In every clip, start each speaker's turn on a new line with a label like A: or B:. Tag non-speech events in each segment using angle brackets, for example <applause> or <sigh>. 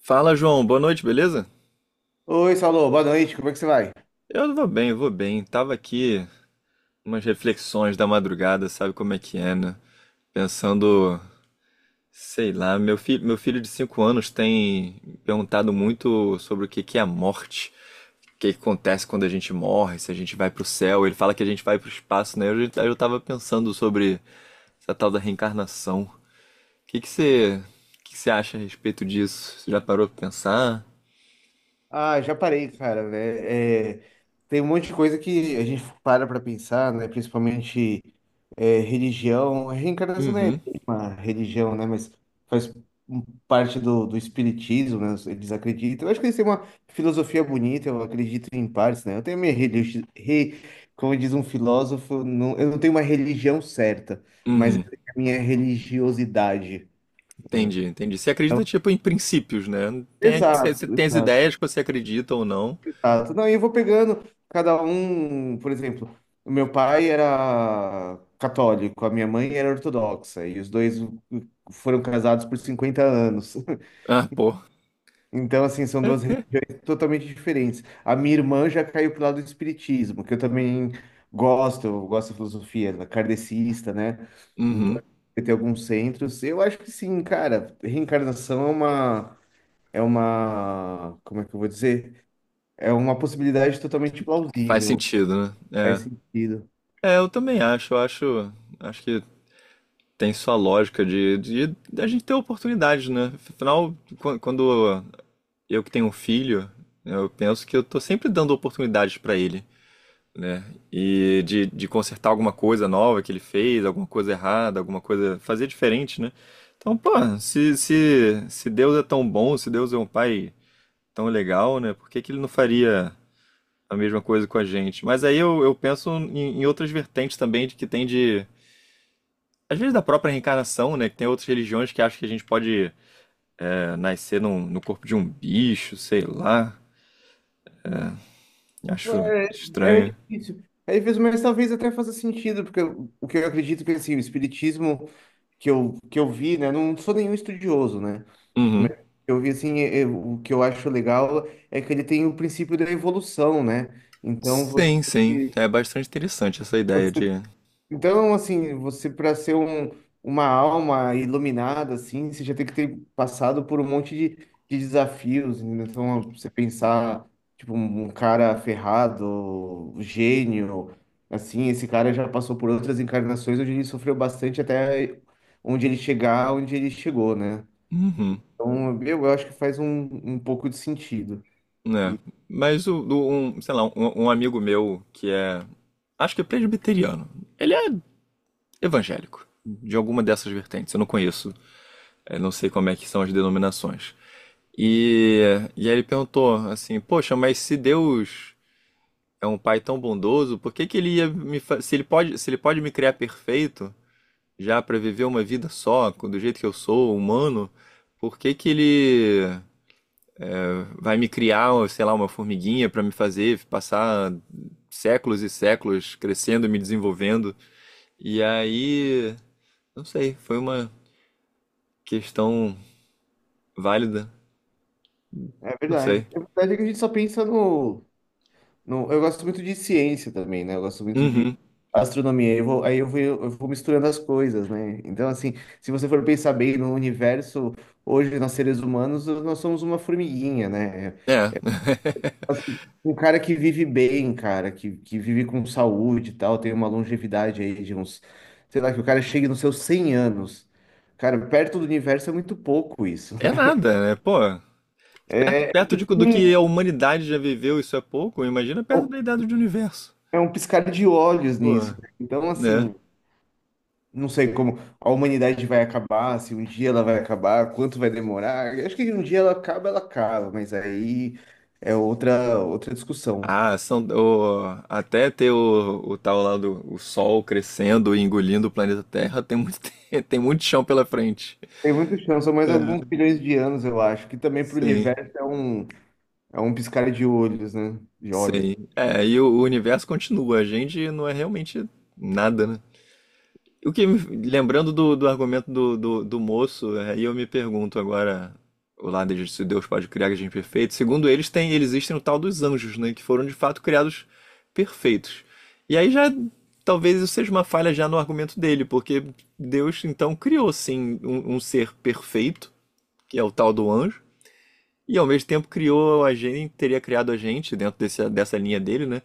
A: Fala, João. Boa noite, beleza?
B: Oi, Saulo, boa noite, como é que você vai?
A: Eu vou bem, vou bem. Tava aqui umas reflexões da madrugada, sabe como é que é, né? Pensando, sei lá, meu filho de 5 anos tem perguntado muito sobre o que que é a morte, o que que acontece quando a gente morre, se a gente vai pro céu. Ele fala que a gente vai pro espaço, né? Eu tava pensando sobre essa tal da reencarnação. O que que você, o que que você acha a respeito disso? Você já parou pra pensar?
B: Ah, já parei, cara, né? É, tem um monte de coisa que a gente para pra pensar, né? Principalmente religião. Reencarnação não é
A: Uhum,
B: bem uma religião, né? Mas faz um- parte do espiritismo, né? Eles acreditam. Eu acho que eles têm uma filosofia bonita, eu acredito em partes, né? Eu tenho a minha religião. Como diz um filósofo, não, eu não tenho uma religião certa, mas eu
A: uhum.
B: tenho a minha religiosidade. Né?
A: Entendi, entendi. Você acredita,
B: Então,
A: tipo, em princípios, né? Tem, você
B: Exato,
A: você tem as
B: exato.
A: ideias que você acredita ou não.
B: Exato. Não, e eu vou pegando cada um, por exemplo, o meu pai era católico, a minha mãe era ortodoxa, e os dois foram casados por 50 anos. <laughs>
A: Ah, pô.
B: Então, assim, são duas religiões totalmente diferentes. A minha irmã já caiu pro lado do espiritismo, que eu também gosto, eu gosto da filosofia da kardecista, né? Então,
A: Uhum.
B: tem alguns centros. Eu acho que sim, cara, reencarnação é uma, como é que eu vou dizer? É uma possibilidade totalmente
A: Faz
B: plausível.
A: sentido,
B: Faz
A: né?
B: sentido.
A: É. É, eu também acho. Eu acho, acho que tem sua lógica da gente ter oportunidades, né? Afinal, quando eu que tenho um filho, eu penso que eu tô sempre dando oportunidades pra ele. Né? E de consertar alguma coisa nova que ele fez, alguma coisa errada, alguma coisa. Fazer diferente, né? Então, pô, se Deus é tão bom, se Deus é um pai tão legal, né? Por que que ele não faria a mesma coisa com a gente? Mas aí eu penso em outras vertentes também de que tem de. Às vezes da própria reencarnação, né? Que tem outras religiões que acham que a gente pode é, no corpo de um bicho, sei lá. Acho
B: É, é
A: estranho.
B: difícil. Aí vezes, mas talvez até faça sentido, porque o que eu acredito que assim, o espiritismo que eu vi, né? Não sou nenhum estudioso, né?
A: Uhum.
B: Mas eu vi assim, o que eu acho legal é que ele tem o princípio da evolução, né? Então
A: Sim, sim.
B: você,
A: É bastante interessante essa ideia de.
B: Então, assim, você para ser um, uma alma iluminada, assim, você já tem que ter passado por um monte de desafios. Né? Então, você pensar, tipo, um cara ferrado, um gênio, assim, esse cara já passou por outras encarnações onde ele sofreu bastante até onde ele chegou, né?
A: Uhum,
B: Então, eu acho que faz um pouco de sentido.
A: né?
B: E
A: Mas o, do- um, sei lá, um amigo meu que é, acho que é presbiteriano. Ele é evangélico, de alguma dessas vertentes, eu não conheço, eu não sei como é que são as denominações. E, e aí ele perguntou assim, poxa, mas se Deus é um pai tão bondoso, por que que ele ia se ele pode, se ele pode me criar perfeito, já para viver uma vida só, do jeito que eu sou, humano, por que que ele vai me criar, sei lá, uma formiguinha para me fazer passar séculos e séculos crescendo, e me desenvolvendo. E aí, não sei, foi uma questão válida,
B: é
A: não
B: verdade.
A: sei.
B: É verdade que a gente só pensa no. Não, eu gosto muito de ciência também, né? Eu gosto muito de
A: Uhum.
B: astronomia. Eu vou, aí eu vou misturando as coisas, né? Então, assim, se você for pensar bem no universo, hoje nós seres humanos, nós somos uma formiguinha, né?
A: É. <laughs>
B: Assim, um cara que vive bem, cara, que vive com saúde e tal, tem uma longevidade aí de uns, sei lá, que o cara chegue nos seus 100 anos. Cara, perto do universo é muito pouco isso, né?
A: É nada, né? Pô, perto,
B: É
A: perto de- do que a humanidade já viveu, isso é pouco. Imagina perto da idade do universo.
B: é um piscar de olhos
A: Pô,
B: nisso. Né? Então,
A: né?
B: assim. Não sei como a humanidade vai acabar, se um dia ela vai acabar, quanto vai demorar. Eu acho que um dia ela acaba, mas aí é outra discussão.
A: Ah, são, até ter o tal lá do o Sol crescendo e engolindo o planeta Terra, tem muito, <laughs> tem muito chão pela frente.
B: Tem muita chance, são mais alguns bilhões de anos, eu acho, que também para o
A: Sim,
B: universo é um, piscar de olhos, né? De olhos.
A: sim. É, e o universo continua. A gente não é realmente nada, né? O que, me- Lembrando do argumento do moço, aí eu me pergunto agora, o lado de se Deus pode criar a gente perfeito, segundo eles, tem, eles existem o tal dos anjos, né, que foram de fato criados perfeitos. E aí já, talvez isso seja uma falha já no argumento dele, porque Deus então criou sim um ser perfeito, que é o tal do anjo, e ao mesmo tempo criou a gente, teria criado a gente, dentro dessa linha dele, né,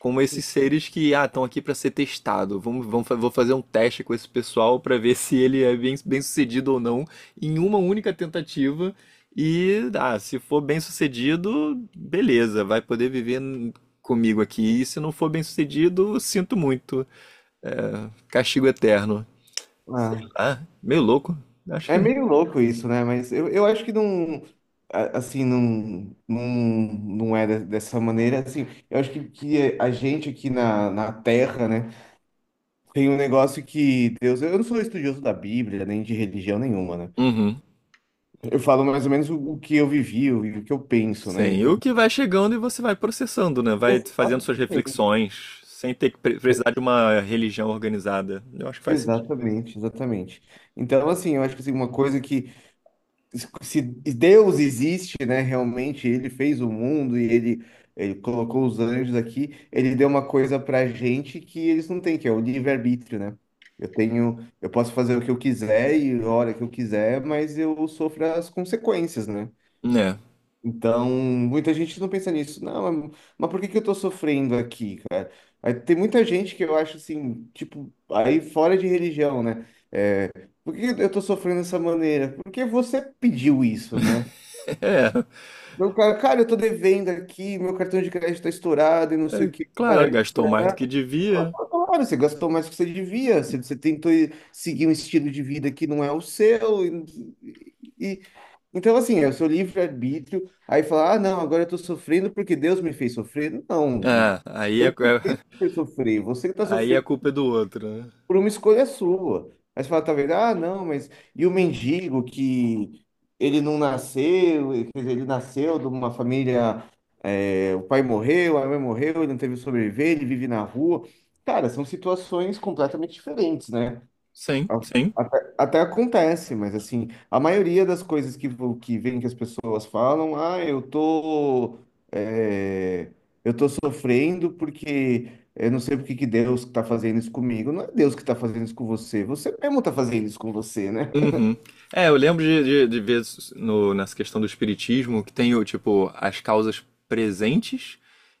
A: como esses seres que ah, estão aqui para ser testado. Vou fazer um teste com esse pessoal para ver <laughs> se ele é bem, bem sucedido ou não em uma única tentativa. E ah, se for bem sucedido, beleza, vai poder viver comigo aqui. E se não for bem sucedido, sinto muito. É, castigo eterno. Sei
B: Ah,
A: lá, meio louco. Acho
B: é
A: que.
B: meio louco isso, né? Mas eu acho que não. Assim, não, não, não é dessa maneira. Assim, eu acho que a gente aqui na Terra, né? Tem um negócio que Deus. Eu não sou estudioso da Bíblia, nem de religião nenhuma, né?
A: Uhum.
B: Eu falo mais ou menos o que eu vivi, o que eu penso, né?
A: Sim, e
B: Então,
A: o que vai chegando e você vai processando, né? Vai fazendo suas
B: exatamente,
A: reflexões, sem ter que precisar de uma religião organizada. Eu acho que faz sentido.
B: exatamente, exatamente. Então, assim, eu acho que assim, uma coisa que. Se Deus existe, né? Realmente, ele fez o mundo e ele colocou os anjos aqui, ele deu uma coisa pra gente que eles não têm, que é o livre-arbítrio, né? Eu posso fazer o que eu quiser e a hora que eu quiser, mas eu sofro as consequências, né?
A: Né?
B: Então, muita gente não pensa nisso. Não, mas por que que eu tô sofrendo aqui, cara? Aí tem muita gente que eu acho assim, tipo, aí fora de religião, né? Por que eu tô sofrendo dessa maneira? Porque você pediu isso, né?
A: <laughs>
B: Meu cara, cara, eu tô devendo aqui, meu cartão de crédito tá estourado e não
A: É,
B: sei o
A: é,
B: que.
A: claro,
B: parará,
A: gastou mais do
B: parará.
A: que devia.
B: Claro, você gastou mais do que você devia, você tentou seguir um estilo de vida que não é o seu, e, então, assim, é o seu livre-arbítrio. Aí falar, ah, não, agora eu tô sofrendo porque Deus me fez sofrer. Não,
A: Ah, aí é,
B: eu não fiz você
A: <laughs>
B: sofrer. Você que tá
A: aí a
B: sofrendo
A: culpa é do outro, né?
B: por uma escolha sua. Aí você fala, tá vendo? Ah, não, mas. E o mendigo que ele não nasceu, quer dizer, ele nasceu de uma família, é, o pai morreu, a mãe morreu, ele não teve sobreviver, ele vive na rua. Cara, são situações completamente diferentes, né?
A: Sim,
B: A-
A: sim.
B: até acontece, mas assim, a maioria das coisas que vem que as pessoas falam, ah, é, eu tô sofrendo porque eu não sei porque que Deus está fazendo isso comigo. Não é Deus que está fazendo isso com você, você mesmo está fazendo isso com você, né?
A: Uhum. É, eu lembro de ver nessa questão do espiritismo que tem o tipo as causas presentes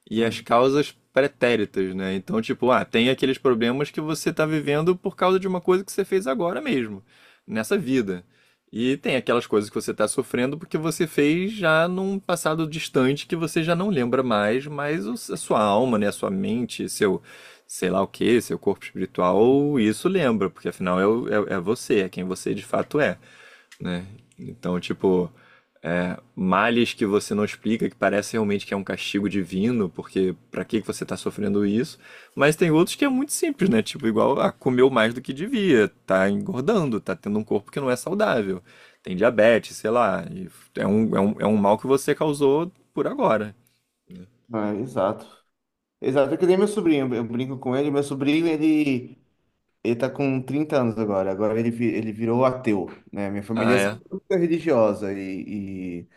A: e as
B: Hum.
A: causas pretéritas, né? Então, tipo, ah, tem aqueles problemas que você tá vivendo por causa de uma coisa que você fez agora mesmo, nessa vida. E tem aquelas coisas que você tá sofrendo porque você fez já num passado distante que você já não lembra mais, mas a sua alma, né, a sua mente, seu sei lá o que, seu corpo espiritual, isso lembra, porque afinal é, é você, é quem você de fato é, né? Então, tipo, é, males que você não explica, que parece realmente que é um castigo divino, porque pra que que você tá sofrendo isso? Mas tem outros que é muito simples, né? Tipo, igual ah, comeu mais do que devia, tá engordando, tá tendo um corpo que não é saudável, tem diabetes, sei lá, e é um mal que você causou por agora.
B: Ah, exato. Exato, é que nem meu sobrinho, eu brinco com ele, meu sobrinho, ele tá com 30 anos agora, ele virou ateu, né? Minha família
A: Ah,
B: é
A: é?
B: sempre muito religiosa.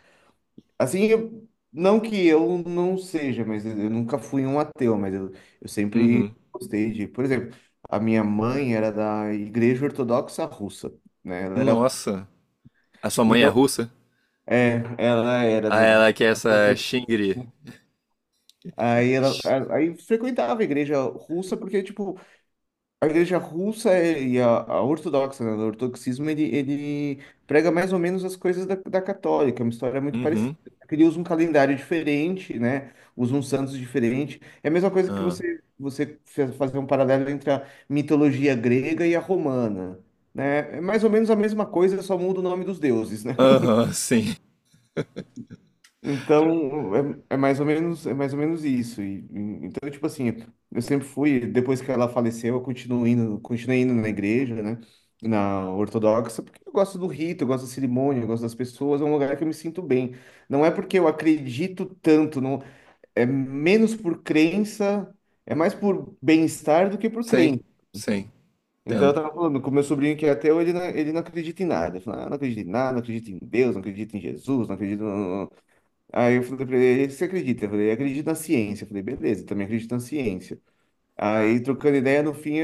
B: Assim, não que eu não seja, mas eu nunca fui um ateu, mas eu sempre
A: Uhum.
B: gostei de. Por exemplo, a minha mãe era da Igreja Ortodoxa Russa, né? Ela era.
A: Nossa. A sua mãe é
B: Então,
A: russa?
B: ela era,
A: Ah,
B: né?
A: ela que é essa Xingri.
B: Aí ela aí frequentava a igreja russa porque, tipo, a igreja russa e a ortodoxa, né? O ortodoxismo, ele prega mais ou menos as coisas da católica, é uma história muito
A: Uhum.
B: parecida. Só que ele usa um calendário diferente, né? Usa um santos diferente. É a mesma coisa que
A: Ah.
B: você fazer um paralelo entre a mitologia grega e a romana, né? É mais ou menos a mesma coisa, só muda o nome dos deuses, né?
A: Aham, sim.
B: Então, é, é mais ou menos, é mais ou menos isso. E então, tipo assim, eu sempre fui, depois que ela faleceu, continuei indo na igreja, né? Na ortodoxa, porque eu gosto do rito, eu gosto da cerimônia, eu gosto das pessoas, é um lugar que eu me sinto bem. Não é porque eu acredito tanto, não, é menos por crença, é mais por bem-estar do que por
A: Sim,
B: crença.
A: sim.
B: Então, eu
A: Entendo.
B: tava falando com meu sobrinho que é ateu, ele não acredita em nada. Eu falo, ah, não acredito em nada, não acredito em Deus, não acredito em Jesus, não acredito. Aí eu falei pra ele, você acredita? Eu falei, acredito na ciência. Eu falei, beleza, eu também acredito na ciência. Aí, trocando ideia, no fim,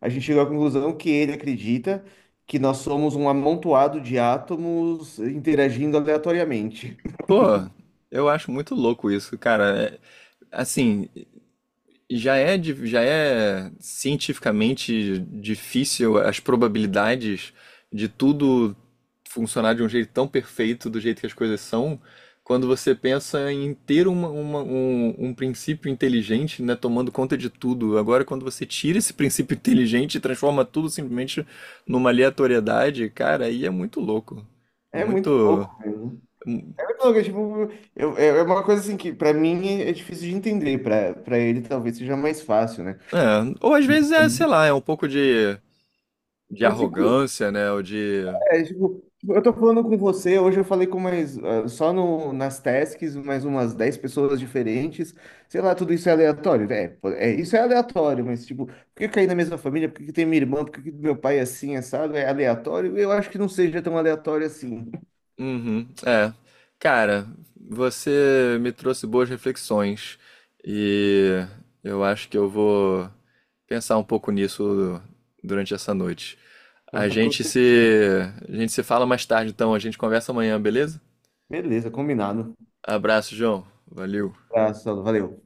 B: a gente chegou à conclusão que ele acredita que nós somos um amontoado de átomos interagindo aleatoriamente.
A: Pô, eu acho muito louco isso, cara. É, assim, já é, já é cientificamente difícil as probabilidades de tudo funcionar de um jeito tão perfeito, do jeito que as coisas são, quando você pensa em ter um princípio inteligente, né, tomando conta de tudo. Agora, quando você tira esse princípio <laughs> inteligente e transforma tudo simplesmente numa aleatoriedade, cara, aí é muito louco. É
B: É muito
A: muito.
B: louco mesmo. É muito louco, é, tipo, é uma coisa assim que pra mim é difícil de entender, pra para ele talvez seja mais fácil, né?
A: É, ou às vezes é, sei lá, é um pouco de
B: Mas tipo,
A: arrogância, né? Ou de
B: É, tipo, tipo, eu tô falando com você, hoje eu falei com mais, ah, só no, nas tasks, mais umas 10 pessoas diferentes, sei lá, tudo isso é aleatório, pô, isso é aleatório, mas tipo, por que cair na mesma família, por que que tem minha irmã, por que que meu pai é assim, assado, é aleatório? Eu acho que não seja tão aleatório assim.
A: Uhum, é. Cara, você me trouxe boas reflexões e eu acho que eu vou pensar um pouco nisso durante essa noite. A
B: <laughs> Com
A: gente
B: certeza.
A: se, a gente se fala mais tarde, então a gente conversa amanhã, beleza?
B: Beleza, combinado.
A: Abraço, João. Valeu.
B: Abraço, valeu.